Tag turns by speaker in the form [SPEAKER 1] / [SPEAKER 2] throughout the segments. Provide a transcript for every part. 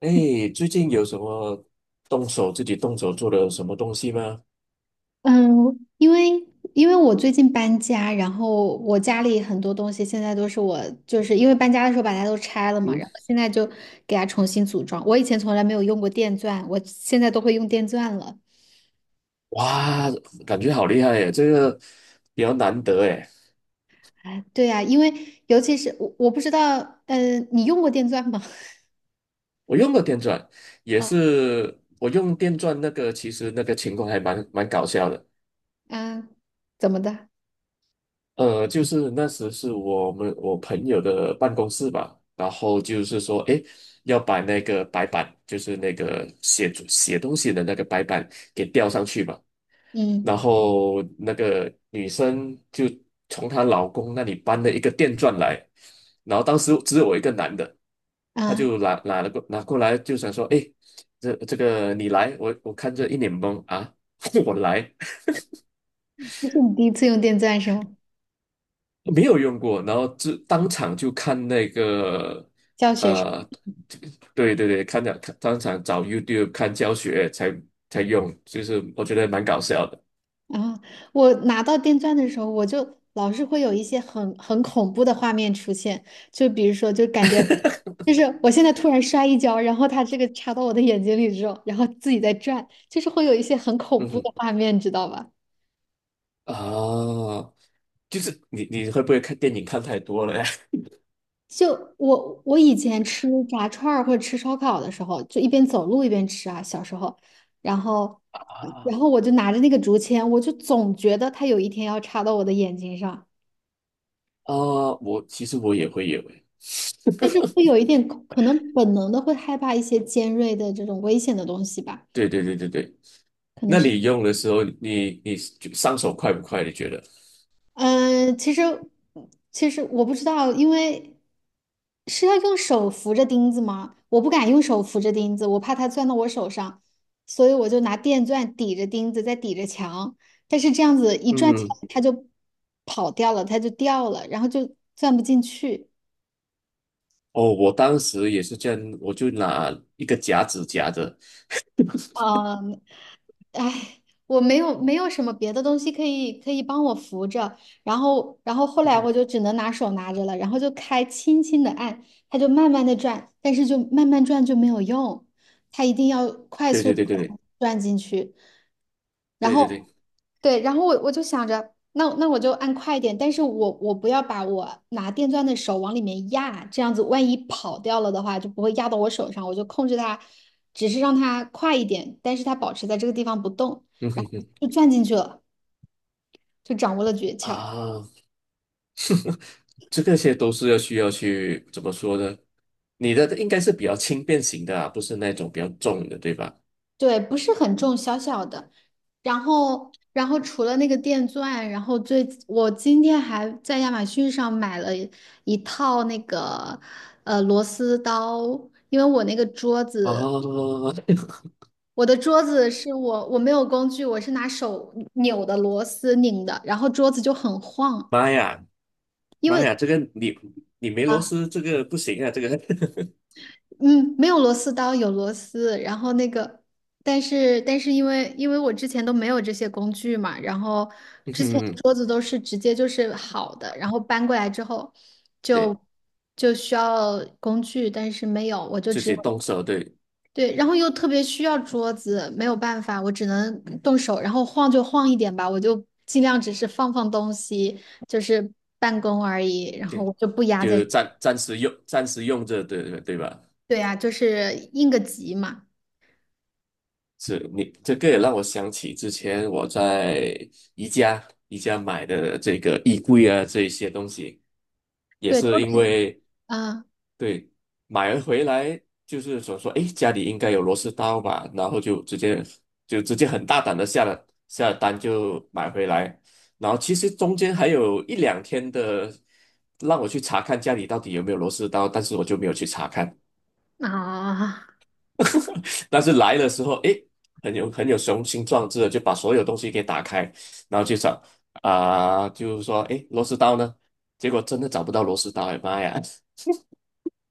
[SPEAKER 1] 哎，最近有什么自己动手做的什么东西吗？
[SPEAKER 2] 嗯，因为因为我最近搬家，然后我家里很多东西现在都是我，就是因为搬家的时候把它都拆了嘛，
[SPEAKER 1] 嗯，
[SPEAKER 2] 然后现在就给它重新组装。我以前从来没有用过电钻，我现在都会用电钻了。
[SPEAKER 1] 哇，感觉好厉害耶！这个比较难得哎。
[SPEAKER 2] 哎，对呀，因为尤其是我不知道，你用过电钻吗？
[SPEAKER 1] 我用过电钻 也
[SPEAKER 2] 啊，
[SPEAKER 1] 是，我用电钻那个，其实那个情况还蛮搞笑的。
[SPEAKER 2] 啊，怎么的？
[SPEAKER 1] 就是那时是我朋友的办公室吧，然后就是说，哎，要把那个白板，就是那个写写东西的那个白板给吊上去嘛。
[SPEAKER 2] 嗯，
[SPEAKER 1] 然后那个女生就从她老公那里搬了一个电钻来，然后当时只有我一个男的，他
[SPEAKER 2] 啊，
[SPEAKER 1] 就拿 拿了过拿过来，就想说，哎，这个你来，我看着一脸懵啊，我来
[SPEAKER 2] 这是你第一次用电钻是吗？
[SPEAKER 1] 没有用过，然后就当场就看那个
[SPEAKER 2] 教学是？
[SPEAKER 1] 呃，对对对，看了看当场找 YouTube 看教学才用，就是我觉得蛮搞笑的，
[SPEAKER 2] 啊，我拿到电钻的时候，我就老是会有一些很恐怖的画面出现，就比如说，就感觉就是我现在突然摔一跤，然后它这个插到我的眼睛里之后，然后自己在转，就是会有一些很 恐
[SPEAKER 1] 嗯
[SPEAKER 2] 怖
[SPEAKER 1] 哼
[SPEAKER 2] 的画面，知道吧？
[SPEAKER 1] 啊，就是你会不会看电影看太多了呀？
[SPEAKER 2] 就我以前吃炸串儿或者吃烧烤的时候，就一边走路一边吃啊，小时候，然后
[SPEAKER 1] 啊，
[SPEAKER 2] 然后我就拿着那个竹签，我就总觉得它有一天要插到我的眼睛上。
[SPEAKER 1] 啊，其实我也会有诶。
[SPEAKER 2] 就是会有一点可能本能的会害怕一些尖锐的这种危险的东西吧，
[SPEAKER 1] 对对对对对，
[SPEAKER 2] 可能
[SPEAKER 1] 那
[SPEAKER 2] 是，
[SPEAKER 1] 你用的时候，你就上手快不快？你觉得？
[SPEAKER 2] 嗯、其实其实我不知道，因为是要用手扶着钉子吗？我不敢用手扶着钉子，我怕它钻到我手上，所以我就拿电钻抵着钉子，再抵着墙，但是这样子一转起
[SPEAKER 1] 嗯，
[SPEAKER 2] 来，它就跑掉了，它就掉了，然后就钻不进去。
[SPEAKER 1] 哦，我当时也是这样，我就拿一个夹子夹着。
[SPEAKER 2] 嗯，哎，我没有什么别的东西可以帮我扶着，然后后
[SPEAKER 1] 嗯
[SPEAKER 2] 来
[SPEAKER 1] 哼
[SPEAKER 2] 我就只能拿手拿着了，然后就开轻轻的按，它就慢慢的转，但是就慢慢转就没有用，它一定要快
[SPEAKER 1] 对
[SPEAKER 2] 速
[SPEAKER 1] 对
[SPEAKER 2] 地
[SPEAKER 1] 对对
[SPEAKER 2] 转进去，然
[SPEAKER 1] 对对对
[SPEAKER 2] 后
[SPEAKER 1] 对，
[SPEAKER 2] 对，然后我就想着，那我就按快一点，但是我不要把我拿电钻的手往里面压，这样子万一跑掉了的话，就不会压到我手上，我就控制它，只是让它快一点，但是它保持在这个地方不动，
[SPEAKER 1] 嗯
[SPEAKER 2] 然
[SPEAKER 1] 哼
[SPEAKER 2] 后
[SPEAKER 1] 哼
[SPEAKER 2] 就钻进去了，就掌握了诀窍。
[SPEAKER 1] 啊，这个些都是需要去怎么说呢？你的应该是比较轻便型的啊，不是那种比较重的，对吧？
[SPEAKER 2] 对，不是很重，小小的。然后除了那个电钻，然后最，我今天还在亚马逊上买了一套那个螺丝刀，因为我那个桌
[SPEAKER 1] 啊，
[SPEAKER 2] 子，我的桌子是我没有工具，我是拿手扭的螺丝拧的，然后桌子就很晃，
[SPEAKER 1] 妈呀！
[SPEAKER 2] 因
[SPEAKER 1] 妈
[SPEAKER 2] 为。
[SPEAKER 1] 呀，这个你没螺
[SPEAKER 2] 啊。
[SPEAKER 1] 丝，这个不行啊，这个，
[SPEAKER 2] 嗯，没有螺丝刀，有螺丝。然后那个，但是因为我之前都没有这些工具嘛，然后 之前的
[SPEAKER 1] 嗯，
[SPEAKER 2] 桌子都是直接就是好的，然后搬过来之后就
[SPEAKER 1] 对，
[SPEAKER 2] 就需要工具，但是没有，我就
[SPEAKER 1] 自
[SPEAKER 2] 只有
[SPEAKER 1] 己动手，对，
[SPEAKER 2] 对，然后又特别需要桌子，没有办法，我只能动手，然后晃就晃一点吧，我就尽量只是放放东西，就是办公而已，然
[SPEAKER 1] 就
[SPEAKER 2] 后我就不压在，
[SPEAKER 1] 就暂时用，暂时用着，对对对吧？
[SPEAKER 2] 对呀，就是应个急嘛。
[SPEAKER 1] 是你这个也让我想起之前我在宜家买的这个衣柜啊，这一些东西，也
[SPEAKER 2] 对，都
[SPEAKER 1] 是因
[SPEAKER 2] 得
[SPEAKER 1] 为
[SPEAKER 2] 啊
[SPEAKER 1] 对，买了回来就是想说，哎，家里应该有螺丝刀吧，然后就直接很大胆的下了单就买回来，然后其实中间还有一两天的让我去查看家里到底有没有螺丝刀，但是我就没有去查看，
[SPEAKER 2] 啊，
[SPEAKER 1] 但是来的时候，哎，很有雄心壮志的就把所有东西给打开，然后去找啊、就是说，哎，螺丝刀呢？结果真的找不到螺丝刀，哎妈呀！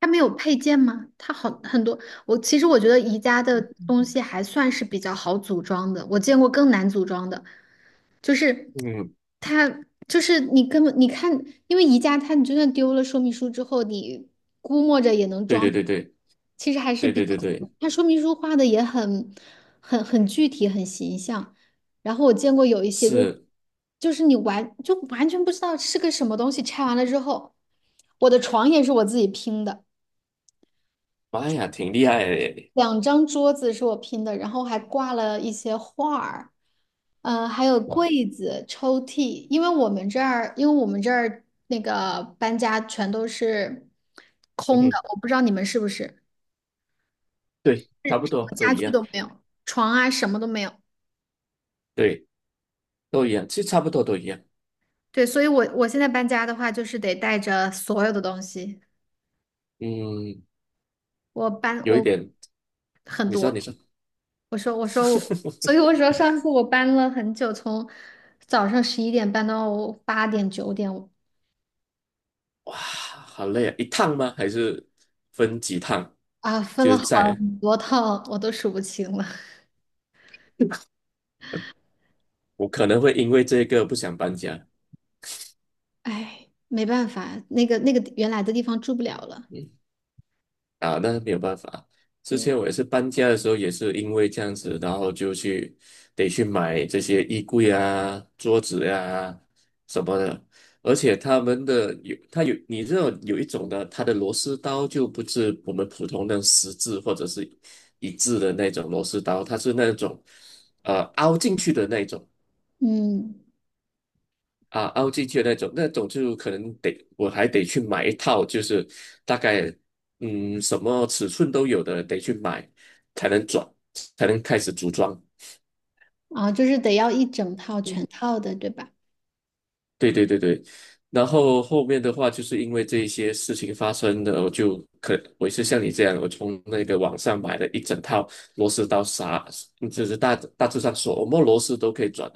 [SPEAKER 2] 它没有配件吗？它好很多。我其实我觉得宜家的东西还算是比较好组装的，我见过更难组装的，就是
[SPEAKER 1] 嗯，
[SPEAKER 2] 它就是你根本你看，因为宜家它你就算丢了说明书之后，你
[SPEAKER 1] 对对对对
[SPEAKER 2] 其实还是
[SPEAKER 1] 对
[SPEAKER 2] 比
[SPEAKER 1] 对对对，
[SPEAKER 2] 它说明书画的也很很具体很形象。然后我见过有一些就是
[SPEAKER 1] 是。
[SPEAKER 2] 就是你就完全不知道是个什么东西，拆完了之后，我的床也是我自己拼的。
[SPEAKER 1] 妈呀，挺厉害的耶
[SPEAKER 2] 两张桌子是我拼的，然后还挂了一些画儿，还有
[SPEAKER 1] 哇，
[SPEAKER 2] 柜子、抽屉，因为我们这儿，那个搬家全都是
[SPEAKER 1] 嗯
[SPEAKER 2] 空的，
[SPEAKER 1] 哼，
[SPEAKER 2] 我不知道你们是不是，什
[SPEAKER 1] 对，差不多
[SPEAKER 2] 么
[SPEAKER 1] 都
[SPEAKER 2] 家
[SPEAKER 1] 一
[SPEAKER 2] 具
[SPEAKER 1] 样，
[SPEAKER 2] 都没有，床啊什么都没有。
[SPEAKER 1] 对，都一样，其实差不多都一样。
[SPEAKER 2] 对，所以我现在搬家的话，就是得带着所有的东西，
[SPEAKER 1] 嗯，
[SPEAKER 2] 我搬
[SPEAKER 1] 有一
[SPEAKER 2] 我
[SPEAKER 1] 点，
[SPEAKER 2] 很
[SPEAKER 1] 你说，你
[SPEAKER 2] 多，
[SPEAKER 1] 说，
[SPEAKER 2] 我说，所以我说上次我搬了很久，从早上11点搬到8、9点。
[SPEAKER 1] 哇，好累啊！一趟吗？还是分几趟？
[SPEAKER 2] 啊，分
[SPEAKER 1] 就
[SPEAKER 2] 了
[SPEAKER 1] 是在，
[SPEAKER 2] 很多套，我都数不清了。
[SPEAKER 1] 我可能会因为这个不想搬家。
[SPEAKER 2] 哎，没办法，那个原来的地方住不了了。
[SPEAKER 1] 嗯啊，那没有办法。之
[SPEAKER 2] 对，
[SPEAKER 1] 前我也是搬家的时候，也是因为这样子，然后得去买这些衣柜啊、桌子呀、什么的。而且他们的有，它有，你知道有一种的，它的螺丝刀就不是我们普通的十字或者是一字的那种螺丝刀，它是那种凹进去的那种。
[SPEAKER 2] 嗯，
[SPEAKER 1] 啊，凹进去的那种，那种就可能得我还得去买一套，就是大概什么尺寸都有的，得去买才能转，才能开始组装。
[SPEAKER 2] 啊，就是得要一整套全
[SPEAKER 1] 嗯，
[SPEAKER 2] 套的，对吧？
[SPEAKER 1] 对对对对。然后后面的话，就是因为这一些事情发生的，我就可我也是像你这样，我从那个网上买了一整套螺丝刀啥，就是大致上什么螺丝都可以转。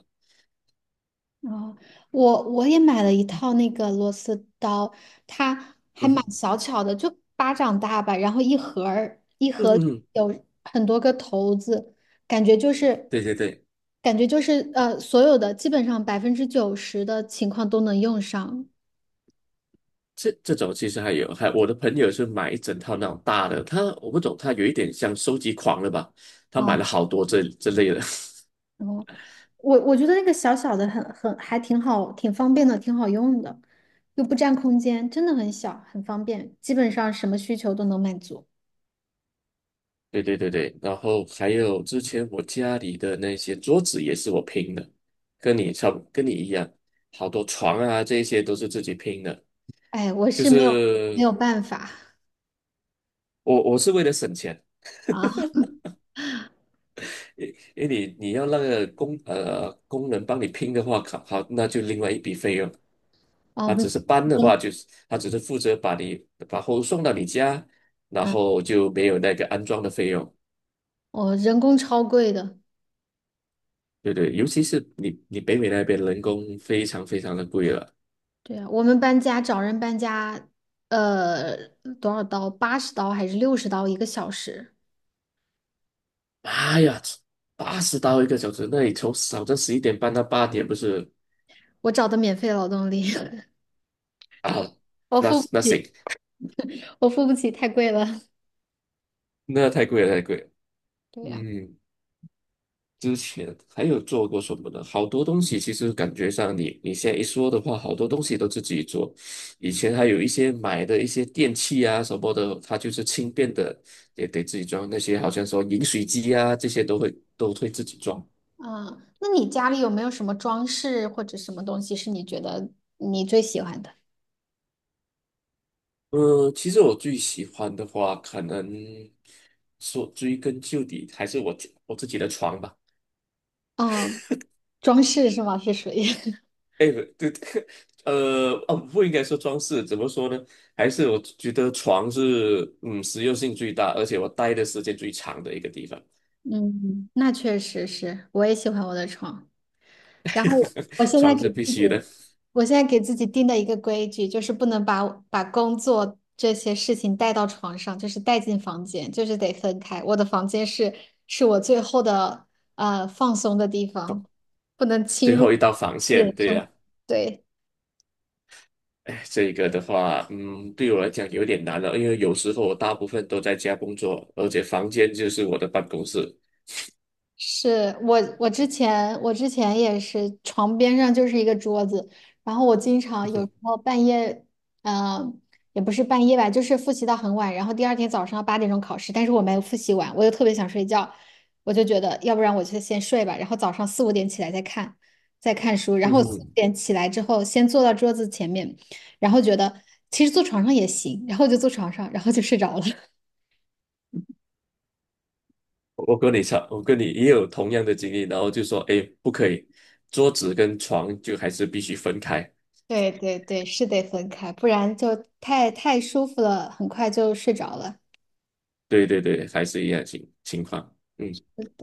[SPEAKER 2] 哦，我也买了一套那个螺丝刀，它还
[SPEAKER 1] 嗯
[SPEAKER 2] 蛮
[SPEAKER 1] 哼
[SPEAKER 2] 小巧的，就巴掌大吧，然后一盒儿一
[SPEAKER 1] 嗯
[SPEAKER 2] 盒
[SPEAKER 1] 哼，
[SPEAKER 2] 有很多个头子，感觉就是
[SPEAKER 1] 对对对。
[SPEAKER 2] 所有的基本上90%的情况都能用上
[SPEAKER 1] 这种其实还有，还我的朋友是买一整套那种大的，我不懂，他有一点像收集狂了吧？他买
[SPEAKER 2] 啊。
[SPEAKER 1] 了好多这类的，
[SPEAKER 2] 然后。我觉得那个小小的很还挺好，挺方便的，挺好用的，又不占空间，真的很小，很方便，基本上什么需求都能满足。
[SPEAKER 1] 对对对对。然后还有之前我家里的那些桌子也是我拼的，跟你差不跟你一样，好多床啊这些都是自己拼的，
[SPEAKER 2] 哎，我
[SPEAKER 1] 就
[SPEAKER 2] 是没有没
[SPEAKER 1] 是
[SPEAKER 2] 有办法
[SPEAKER 1] 我是为了省钱，
[SPEAKER 2] 啊
[SPEAKER 1] 因因为你要那个工人帮你拼的话，好，好那就另外一笔费用。
[SPEAKER 2] 啊，
[SPEAKER 1] 他只是搬的
[SPEAKER 2] 人
[SPEAKER 1] 话，就是他只是负责把货物送到你家，然
[SPEAKER 2] 嗯，
[SPEAKER 1] 后就没有那个安装的费用。
[SPEAKER 2] 我人工超贵的，
[SPEAKER 1] 对对，尤其是你北美那边人工非常非常的贵了。
[SPEAKER 2] 对啊，我们搬家找人搬家，呃，多少刀？80刀还是60刀1个小时？
[SPEAKER 1] 妈呀，80刀一个小时，那你从早上11点半到8点不是
[SPEAKER 2] 我找的免费劳动力，
[SPEAKER 1] 啊？
[SPEAKER 2] 我
[SPEAKER 1] 那
[SPEAKER 2] 付不
[SPEAKER 1] 那
[SPEAKER 2] 起，
[SPEAKER 1] 行，
[SPEAKER 2] 我付不起，太贵了。
[SPEAKER 1] 那太贵了，太贵了。
[SPEAKER 2] 对呀。
[SPEAKER 1] 嗯。之前还有做过什么呢？好多东西其实感觉上你现在一说的话，好多东西都自己做。以前还有一些买的一些电器啊什么的，它就是轻便的，也得自己装。那些好像说饮水机啊，这些都会自己装。
[SPEAKER 2] 啊，那你家里有没有什么装饰或者什么东西是你觉得你最喜欢的？
[SPEAKER 1] 其实我最喜欢的话，可能说追根究底还是我自己的床吧。
[SPEAKER 2] 嗯，装饰是吗？是属于，
[SPEAKER 1] 哎，不对，哦，不应该说装饰，怎么说呢？还是我觉得床是，实用性最大，而且我待的时间最长的一个地方，
[SPEAKER 2] 嗯，那确实是，我也喜欢我的床。然后
[SPEAKER 1] 床是必须的，
[SPEAKER 2] 我现在给自己定的一个规矩就是不能把工作这些事情带到床上，就是带进房间，就是得分开。我的房间是我最后的放松的地方，不能侵
[SPEAKER 1] 最后
[SPEAKER 2] 入
[SPEAKER 1] 一道防线，
[SPEAKER 2] 人
[SPEAKER 1] 对
[SPEAKER 2] 生。
[SPEAKER 1] 呀、
[SPEAKER 2] 对。
[SPEAKER 1] 哎，这个的话，对我来讲有点难了，因为有时候我大部分都在家工作，而且房间就是我的办公室。
[SPEAKER 2] 是我，我之前也是床边上就是一个桌子，然后我经常 有时
[SPEAKER 1] 嗯
[SPEAKER 2] 候半夜，嗯、也不是半夜吧，就是复习到很晚，然后第二天早上8点钟考试，但是我没有复习完，我又特别想睡觉，我就觉得要不然我就先睡吧，然后早上四五点起来再看，书，然
[SPEAKER 1] 嗯
[SPEAKER 2] 后我四五
[SPEAKER 1] 哼，
[SPEAKER 2] 点起来之后先坐到桌子前面，然后觉得其实坐床上也行，然后就坐床上，然后就睡着了。
[SPEAKER 1] 我跟你也有同样的经历，然后就说，哎，不可以，桌子跟床就还是必须分开。
[SPEAKER 2] 对对对，是得分开，不然就太舒服了，很快就睡着了。
[SPEAKER 1] 对对对，还是一样情况。嗯，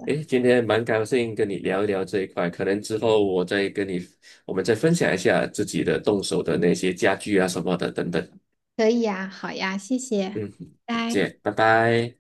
[SPEAKER 1] 诶，今天蛮高兴跟你聊一聊这一块，可能之后我再跟你，我们再分享一下自己的动手的那些家具啊什么的等等。
[SPEAKER 2] 可以呀，好呀，谢谢，
[SPEAKER 1] 嗯，再
[SPEAKER 2] 拜。
[SPEAKER 1] 见，拜拜。